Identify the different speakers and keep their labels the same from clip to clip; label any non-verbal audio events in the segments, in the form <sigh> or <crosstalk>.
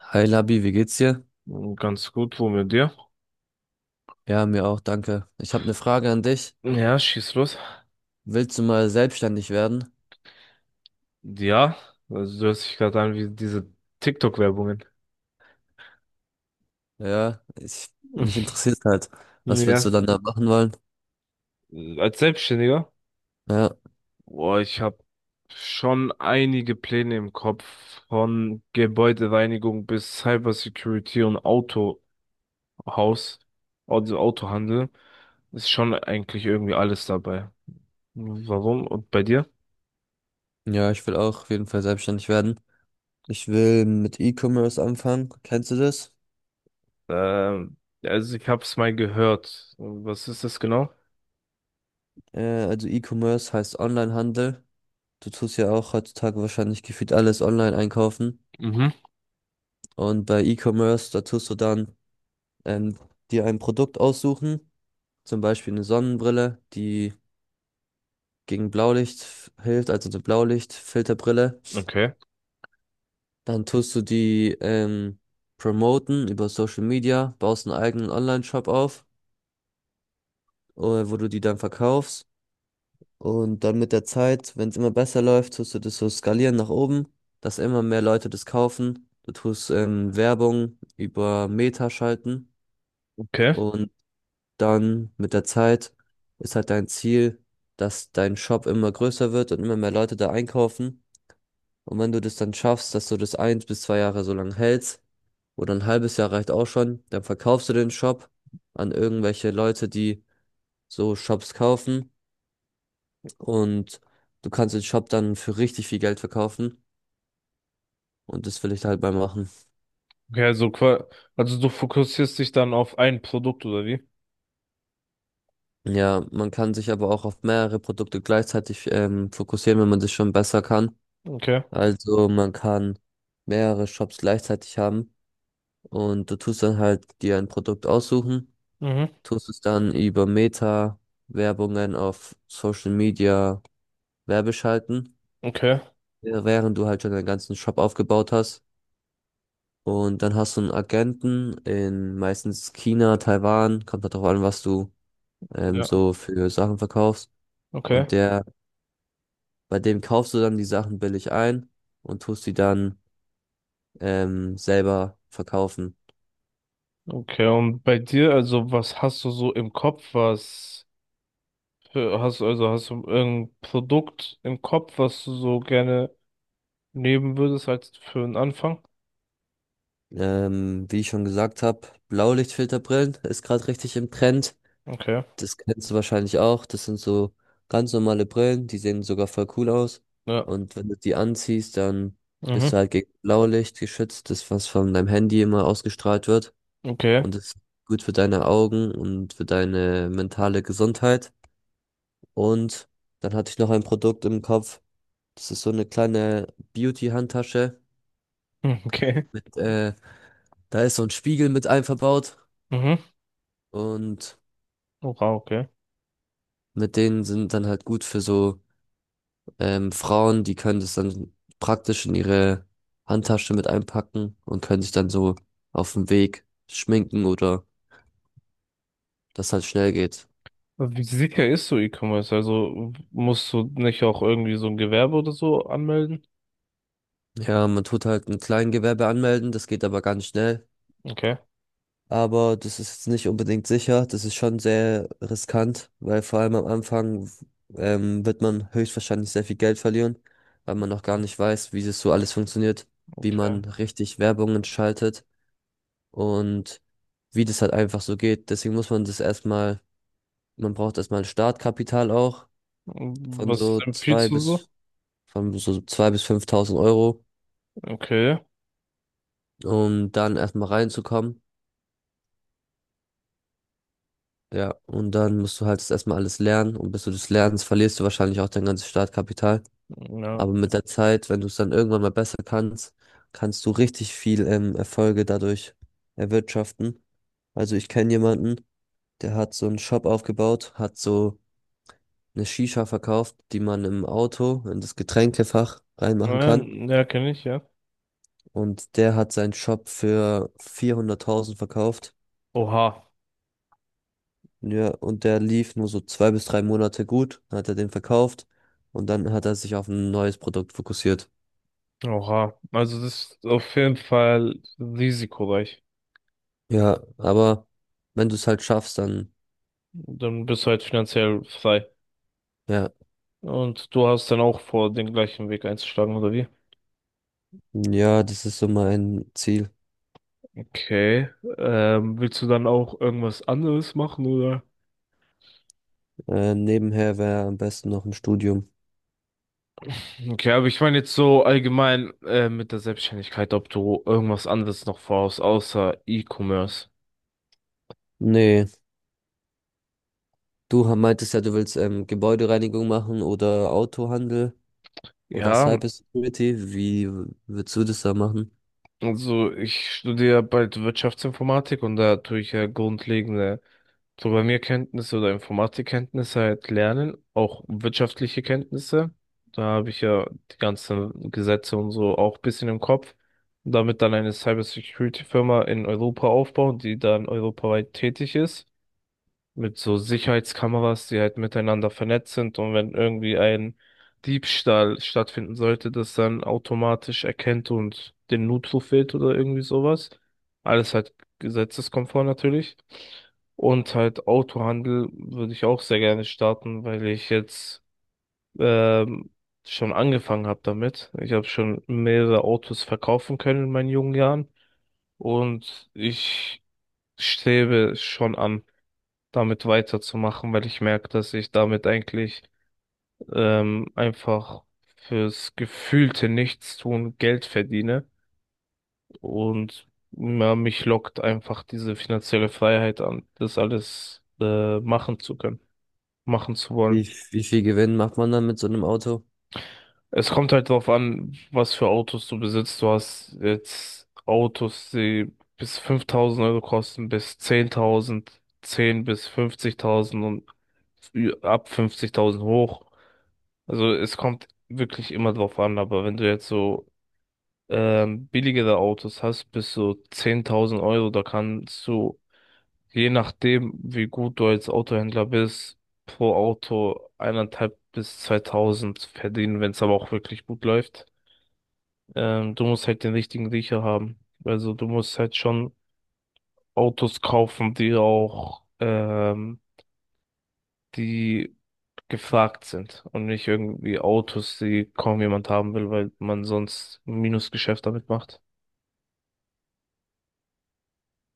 Speaker 1: Hi Labi, wie geht's dir?
Speaker 2: Ganz gut, wo mit dir?
Speaker 1: Ja, mir auch, danke. Ich habe eine Frage an dich.
Speaker 2: Ja, schieß los.
Speaker 1: Willst du mal selbstständig werden?
Speaker 2: Ja, also du hörst dich gerade an wie diese TikTok-Werbungen.
Speaker 1: Ja, mich
Speaker 2: <laughs>
Speaker 1: interessiert halt, was würdest du
Speaker 2: Ja.
Speaker 1: dann da machen wollen?
Speaker 2: Als Selbstständiger?
Speaker 1: Ja,
Speaker 2: Boah, ich habe schon einige Pläne im Kopf, von Gebäudereinigung bis Cybersecurity und Autohaus, also Autohandel, ist schon eigentlich irgendwie alles dabei. Warum? Und bei dir?
Speaker 1: ja, ich will auch auf jeden Fall selbstständig werden. Ich will mit E-Commerce anfangen. Kennst du das?
Speaker 2: Ähm, also ich habe es mal gehört. Was ist das genau?
Speaker 1: Äh, also E-Commerce heißt Onlinehandel. Du tust ja auch heutzutage wahrscheinlich gefühlt alles online einkaufen.
Speaker 2: Mhm.
Speaker 1: Und bei E-Commerce, da tust du dann ähm, dir ein Produkt aussuchen, zum Beispiel eine Sonnenbrille, die gegen Blaulicht hilft, also eine Blaulichtfilterbrille.
Speaker 2: Okay,
Speaker 1: Dann tust du die promoten über Social Media, baust einen eigenen Online-Shop auf, wo du die dann verkaufst. Und dann mit der Zeit, wenn es immer besser läuft, tust du das so skalieren nach oben, dass immer mehr Leute das kaufen. Du tust Werbung über Meta schalten
Speaker 2: okay.
Speaker 1: und dann mit der Zeit ist halt dein Ziel, dass dein Shop immer größer wird und immer mehr Leute da einkaufen. Und wenn du das dann schaffst, dass du das 1 bis 2 Jahre so lang hältst, oder ein halbes Jahr reicht auch schon, dann verkaufst du den Shop an irgendwelche Leute, die so Shops kaufen. Und du kannst den Shop dann für richtig viel Geld verkaufen. Und das will ich halt mal machen.
Speaker 2: Okay, also, also du fokussierst dich dann auf ein Produkt oder wie?
Speaker 1: Ja, man kann sich aber auch auf mehrere Produkte gleichzeitig fokussieren, wenn man das schon besser kann.
Speaker 2: Okay.
Speaker 1: Also man kann mehrere Shops gleichzeitig haben und du tust dann halt dir ein Produkt aussuchen,
Speaker 2: Mhm.
Speaker 1: tust es dann über Meta-Werbungen auf Social Media werbeschalten,
Speaker 2: Okay.
Speaker 1: während du halt schon deinen ganzen Shop aufgebaut hast. Und dann hast du einen Agenten in meistens China, Taiwan, kommt halt darauf an, was du
Speaker 2: Ja.
Speaker 1: so für Sachen verkaufst. Und
Speaker 2: Okay.
Speaker 1: bei dem kaufst du dann die Sachen billig ein und tust die dann selber verkaufen.
Speaker 2: Okay. Und bei dir, also was hast du so im Kopf, was für, hast also hast du irgendein Produkt im Kopf, was du so gerne nehmen würdest als für einen Anfang?
Speaker 1: Wie ich schon gesagt habe, Blaulichtfilterbrillen ist gerade richtig im Trend.
Speaker 2: Okay.
Speaker 1: Das kennst du wahrscheinlich auch. Das sind so ganz normale Brillen, die sehen sogar voll cool aus.
Speaker 2: Ja.
Speaker 1: Und wenn du die anziehst, dann bist
Speaker 2: Mhm.
Speaker 1: du halt gegen Blaulicht geschützt, das was von deinem Handy immer ausgestrahlt wird.
Speaker 2: Okay.
Speaker 1: Und das ist gut für deine Augen und für deine mentale Gesundheit. Und dann hatte ich noch ein Produkt im Kopf. Das ist so eine kleine Beauty-Handtasche
Speaker 2: <laughs> Mhm. Okay.
Speaker 1: mit, da ist so ein Spiegel mit einverbaut.
Speaker 2: Mhm.
Speaker 1: Und
Speaker 2: Oha, okay.
Speaker 1: mit denen sind dann halt gut für so Frauen, die können das dann praktisch in ihre Handtasche mit einpacken und können sich dann so auf dem Weg schminken oder das halt schnell geht.
Speaker 2: Wie sicher ist so E-Commerce? Also musst du nicht auch irgendwie so ein Gewerbe oder so anmelden?
Speaker 1: Ja, man tut halt ein Kleingewerbe anmelden, das geht aber ganz schnell.
Speaker 2: Okay.
Speaker 1: Aber das ist jetzt nicht unbedingt sicher, das ist schon sehr riskant, weil vor allem am Anfang wird man höchstwahrscheinlich sehr viel Geld verlieren, weil man noch gar nicht weiß, wie das so alles funktioniert, wie
Speaker 2: Okay.
Speaker 1: man richtig Werbungen schaltet und wie das halt einfach so geht. Deswegen muss man das erstmal, man braucht erstmal ein Startkapital auch von
Speaker 2: Was
Speaker 1: so
Speaker 2: empfiehlst
Speaker 1: zwei
Speaker 2: du so?
Speaker 1: bis, von so 2 bis 5.000 Euro,
Speaker 2: Okay.
Speaker 1: um dann erstmal reinzukommen. Ja, und dann musst du halt das erstmal alles lernen und bis du das lernst, verlierst du wahrscheinlich auch dein ganzes Startkapital.
Speaker 2: Ja,
Speaker 1: Aber mit der Zeit, wenn du es dann irgendwann mal besser kannst, kannst du richtig viel Erfolge dadurch erwirtschaften. Also ich kenne jemanden, der hat so einen Shop aufgebaut, hat so eine Shisha verkauft, die man im Auto in das Getränkefach reinmachen
Speaker 2: ja,
Speaker 1: kann.
Speaker 2: ja kenne ich, ja.
Speaker 1: Und der hat seinen Shop für 400.000 verkauft.
Speaker 2: Oha.
Speaker 1: Ja, und der lief nur so 2 bis 3 Monate gut, dann hat er den verkauft und dann hat er sich auf ein neues Produkt fokussiert.
Speaker 2: Oha. Also das ist auf jeden Fall risikoreich.
Speaker 1: Ja, aber wenn du es halt schaffst, dann
Speaker 2: Dann bist du halt finanziell frei.
Speaker 1: ja,
Speaker 2: Und du hast dann auch vor, den gleichen Weg einzuschlagen, oder wie?
Speaker 1: ja, das ist so mein Ziel.
Speaker 2: Okay. Willst du dann auch irgendwas anderes machen, oder?
Speaker 1: Nebenher wäre am besten noch ein Studium.
Speaker 2: Okay, aber ich meine jetzt so allgemein mit der Selbstständigkeit, ob du irgendwas anderes noch vorhast, außer E-Commerce.
Speaker 1: Nee, du meintest ja, du willst Gebäudereinigung machen oder Autohandel. Oder
Speaker 2: Ja,
Speaker 1: Cybersecurity, wie würdest du das da machen?
Speaker 2: also ich studiere ja bald Wirtschaftsinformatik und da tue ich ja grundlegende Programmierkenntnisse oder Informatikkenntnisse halt lernen, auch wirtschaftliche Kenntnisse. Da habe ich ja die ganzen Gesetze und so auch ein bisschen im Kopf. Und damit dann eine Cybersecurity-Firma in Europa aufbauen, die dann europaweit tätig ist mit so Sicherheitskameras, die halt miteinander vernetzt sind und wenn irgendwie ein Diebstahl stattfinden sollte, das dann automatisch erkennt und den Notruf wählt oder irgendwie sowas. Alles halt gesetzeskonform natürlich. Und halt Autohandel würde ich auch sehr gerne starten, weil ich jetzt ähm, schon angefangen habe damit. Ich habe schon mehrere Autos verkaufen können in meinen jungen Jahren und ich strebe schon an damit weiterzumachen, weil ich merke, dass ich damit eigentlich einfach fürs gefühlte Nichtstun Geld verdiene und ja, mich lockt einfach diese finanzielle Freiheit an, das alles machen zu können, machen zu wollen.
Speaker 1: Wie, wie viel Gewinn macht man dann mit so einem Auto?
Speaker 2: Es kommt halt darauf an, was für Autos du besitzt. Du hast jetzt Autos, die bis 5.000 Euro kosten, bis 10.000, 10 bis 50.000 und ab 50.000 hoch. Also es kommt wirklich immer drauf an, aber wenn du jetzt so billigere Autos hast, bis so 10.000 Euro, da kannst du, je nachdem, wie gut du als Autohändler bist, pro Auto 1.500 bis 2.000 verdienen, wenn es aber auch wirklich gut läuft. Du musst halt den richtigen Riecher haben. Also du musst halt schon Autos kaufen, die auch die gefragt sind und nicht irgendwie Autos, die kaum jemand haben will, weil man sonst ein Minusgeschäft damit macht.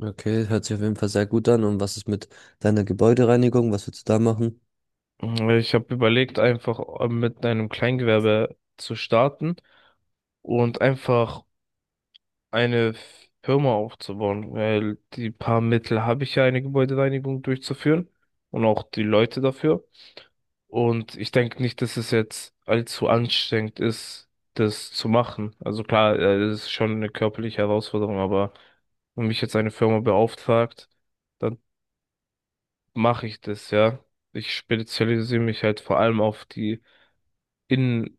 Speaker 1: Okay, hört sich auf jeden Fall sehr gut an. Und was ist mit deiner Gebäudereinigung? Was würdest du da machen?
Speaker 2: Mhm, Ich habe überlegt, einfach mit einem Kleingewerbe zu starten und einfach eine Firma aufzubauen, weil die paar Mittel habe ich ja, eine Gebäudereinigung durchzuführen und auch die Leute dafür. Und ich denke nicht, dass es jetzt allzu anstrengend ist, das zu machen. Also klar, das ist schon eine körperliche Herausforderung, aber wenn mich jetzt eine Firma beauftragt, dann mache ich das, ja. Ich spezialisiere mich halt vor allem auf die Innen,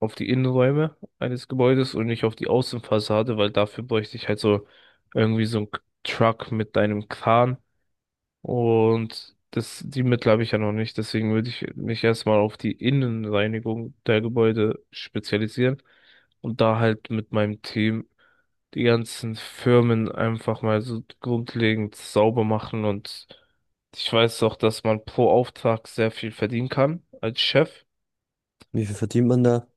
Speaker 2: auf die Innenräume eines Gebäudes und nicht auf die Außenfassade, weil dafür bräuchte ich halt so irgendwie so einen Truck mit einem Kran und das, die Mittel habe ich ja noch nicht, deswegen würde ich mich erstmal auf die Innenreinigung der Gebäude spezialisieren und da halt mit meinem Team die ganzen Firmen einfach mal so grundlegend sauber machen und ich weiß auch, dass man pro Auftrag sehr viel verdienen kann als Chef.
Speaker 1: Wie viel verdient man da?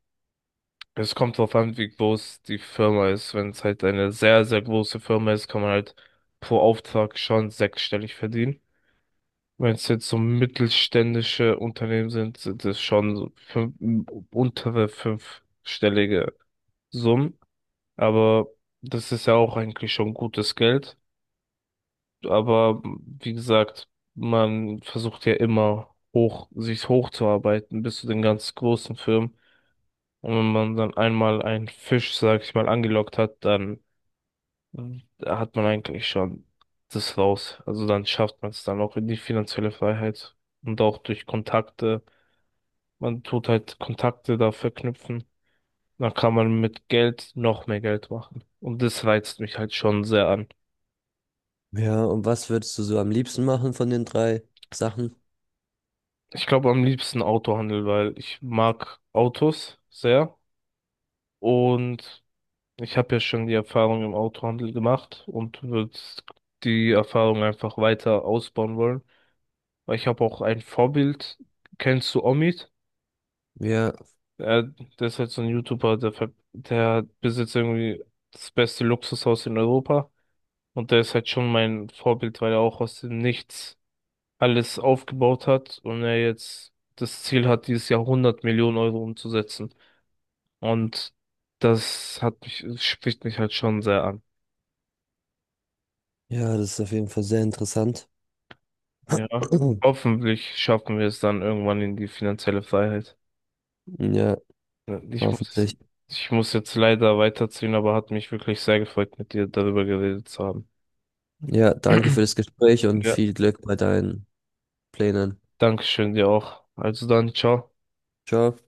Speaker 2: Es kommt drauf an, wie groß die Firma ist. Wenn es halt eine sehr, sehr große Firma ist, kann man halt pro Auftrag schon sechsstellig verdienen. Wenn es jetzt so mittelständische Unternehmen sind, sind es schon so fünf, untere fünfstellige Summen. Aber das ist ja auch eigentlich schon gutes Geld. Aber wie gesagt, man versucht ja immer hoch, sich hochzuarbeiten bis zu den ganz großen Firmen. Und wenn man dann einmal einen Fisch, sag ich mal, angelockt hat, dann hat man eigentlich schon das raus. Also dann schafft man es dann auch in die finanzielle Freiheit und auch durch Kontakte. Man tut halt Kontakte da verknüpfen. Dann kann man mit Geld noch mehr Geld machen. Und das reizt mich halt schon sehr an.
Speaker 1: Ja, und was würdest du so am liebsten machen von den drei Sachen?
Speaker 2: Ich glaube am liebsten Autohandel, weil ich mag Autos sehr. Und ich habe ja schon die Erfahrung im Autohandel gemacht und würde die Erfahrung einfach weiter ausbauen wollen. Weil ich habe auch ein Vorbild. Kennst du Omid?
Speaker 1: Ja,
Speaker 2: Er, der, ist halt so ein YouTuber, der besitzt irgendwie das beste Luxushaus in Europa. Und der ist halt schon mein Vorbild, weil er auch aus dem Nichts alles aufgebaut hat und er jetzt das Ziel hat, dieses Jahr 100 Millionen Euro umzusetzen. Und das hat mich, es spricht mich halt schon sehr an.
Speaker 1: ja, das ist auf jeden Fall sehr interessant.
Speaker 2: Ja.
Speaker 1: <clears throat>
Speaker 2: Hoffentlich schaffen wir es dann irgendwann in die finanzielle Freiheit.
Speaker 1: Ja,
Speaker 2: Ja, Ich muss,
Speaker 1: hoffentlich.
Speaker 2: ich muss jetzt leider weiterziehen, aber hat mich wirklich sehr gefreut, mit dir darüber geredet zu haben.
Speaker 1: Ja, danke für das Gespräch und
Speaker 2: Ja.
Speaker 1: viel Glück bei deinen Plänen.
Speaker 2: Dankeschön dir auch. Also dann, ciao.
Speaker 1: Ciao.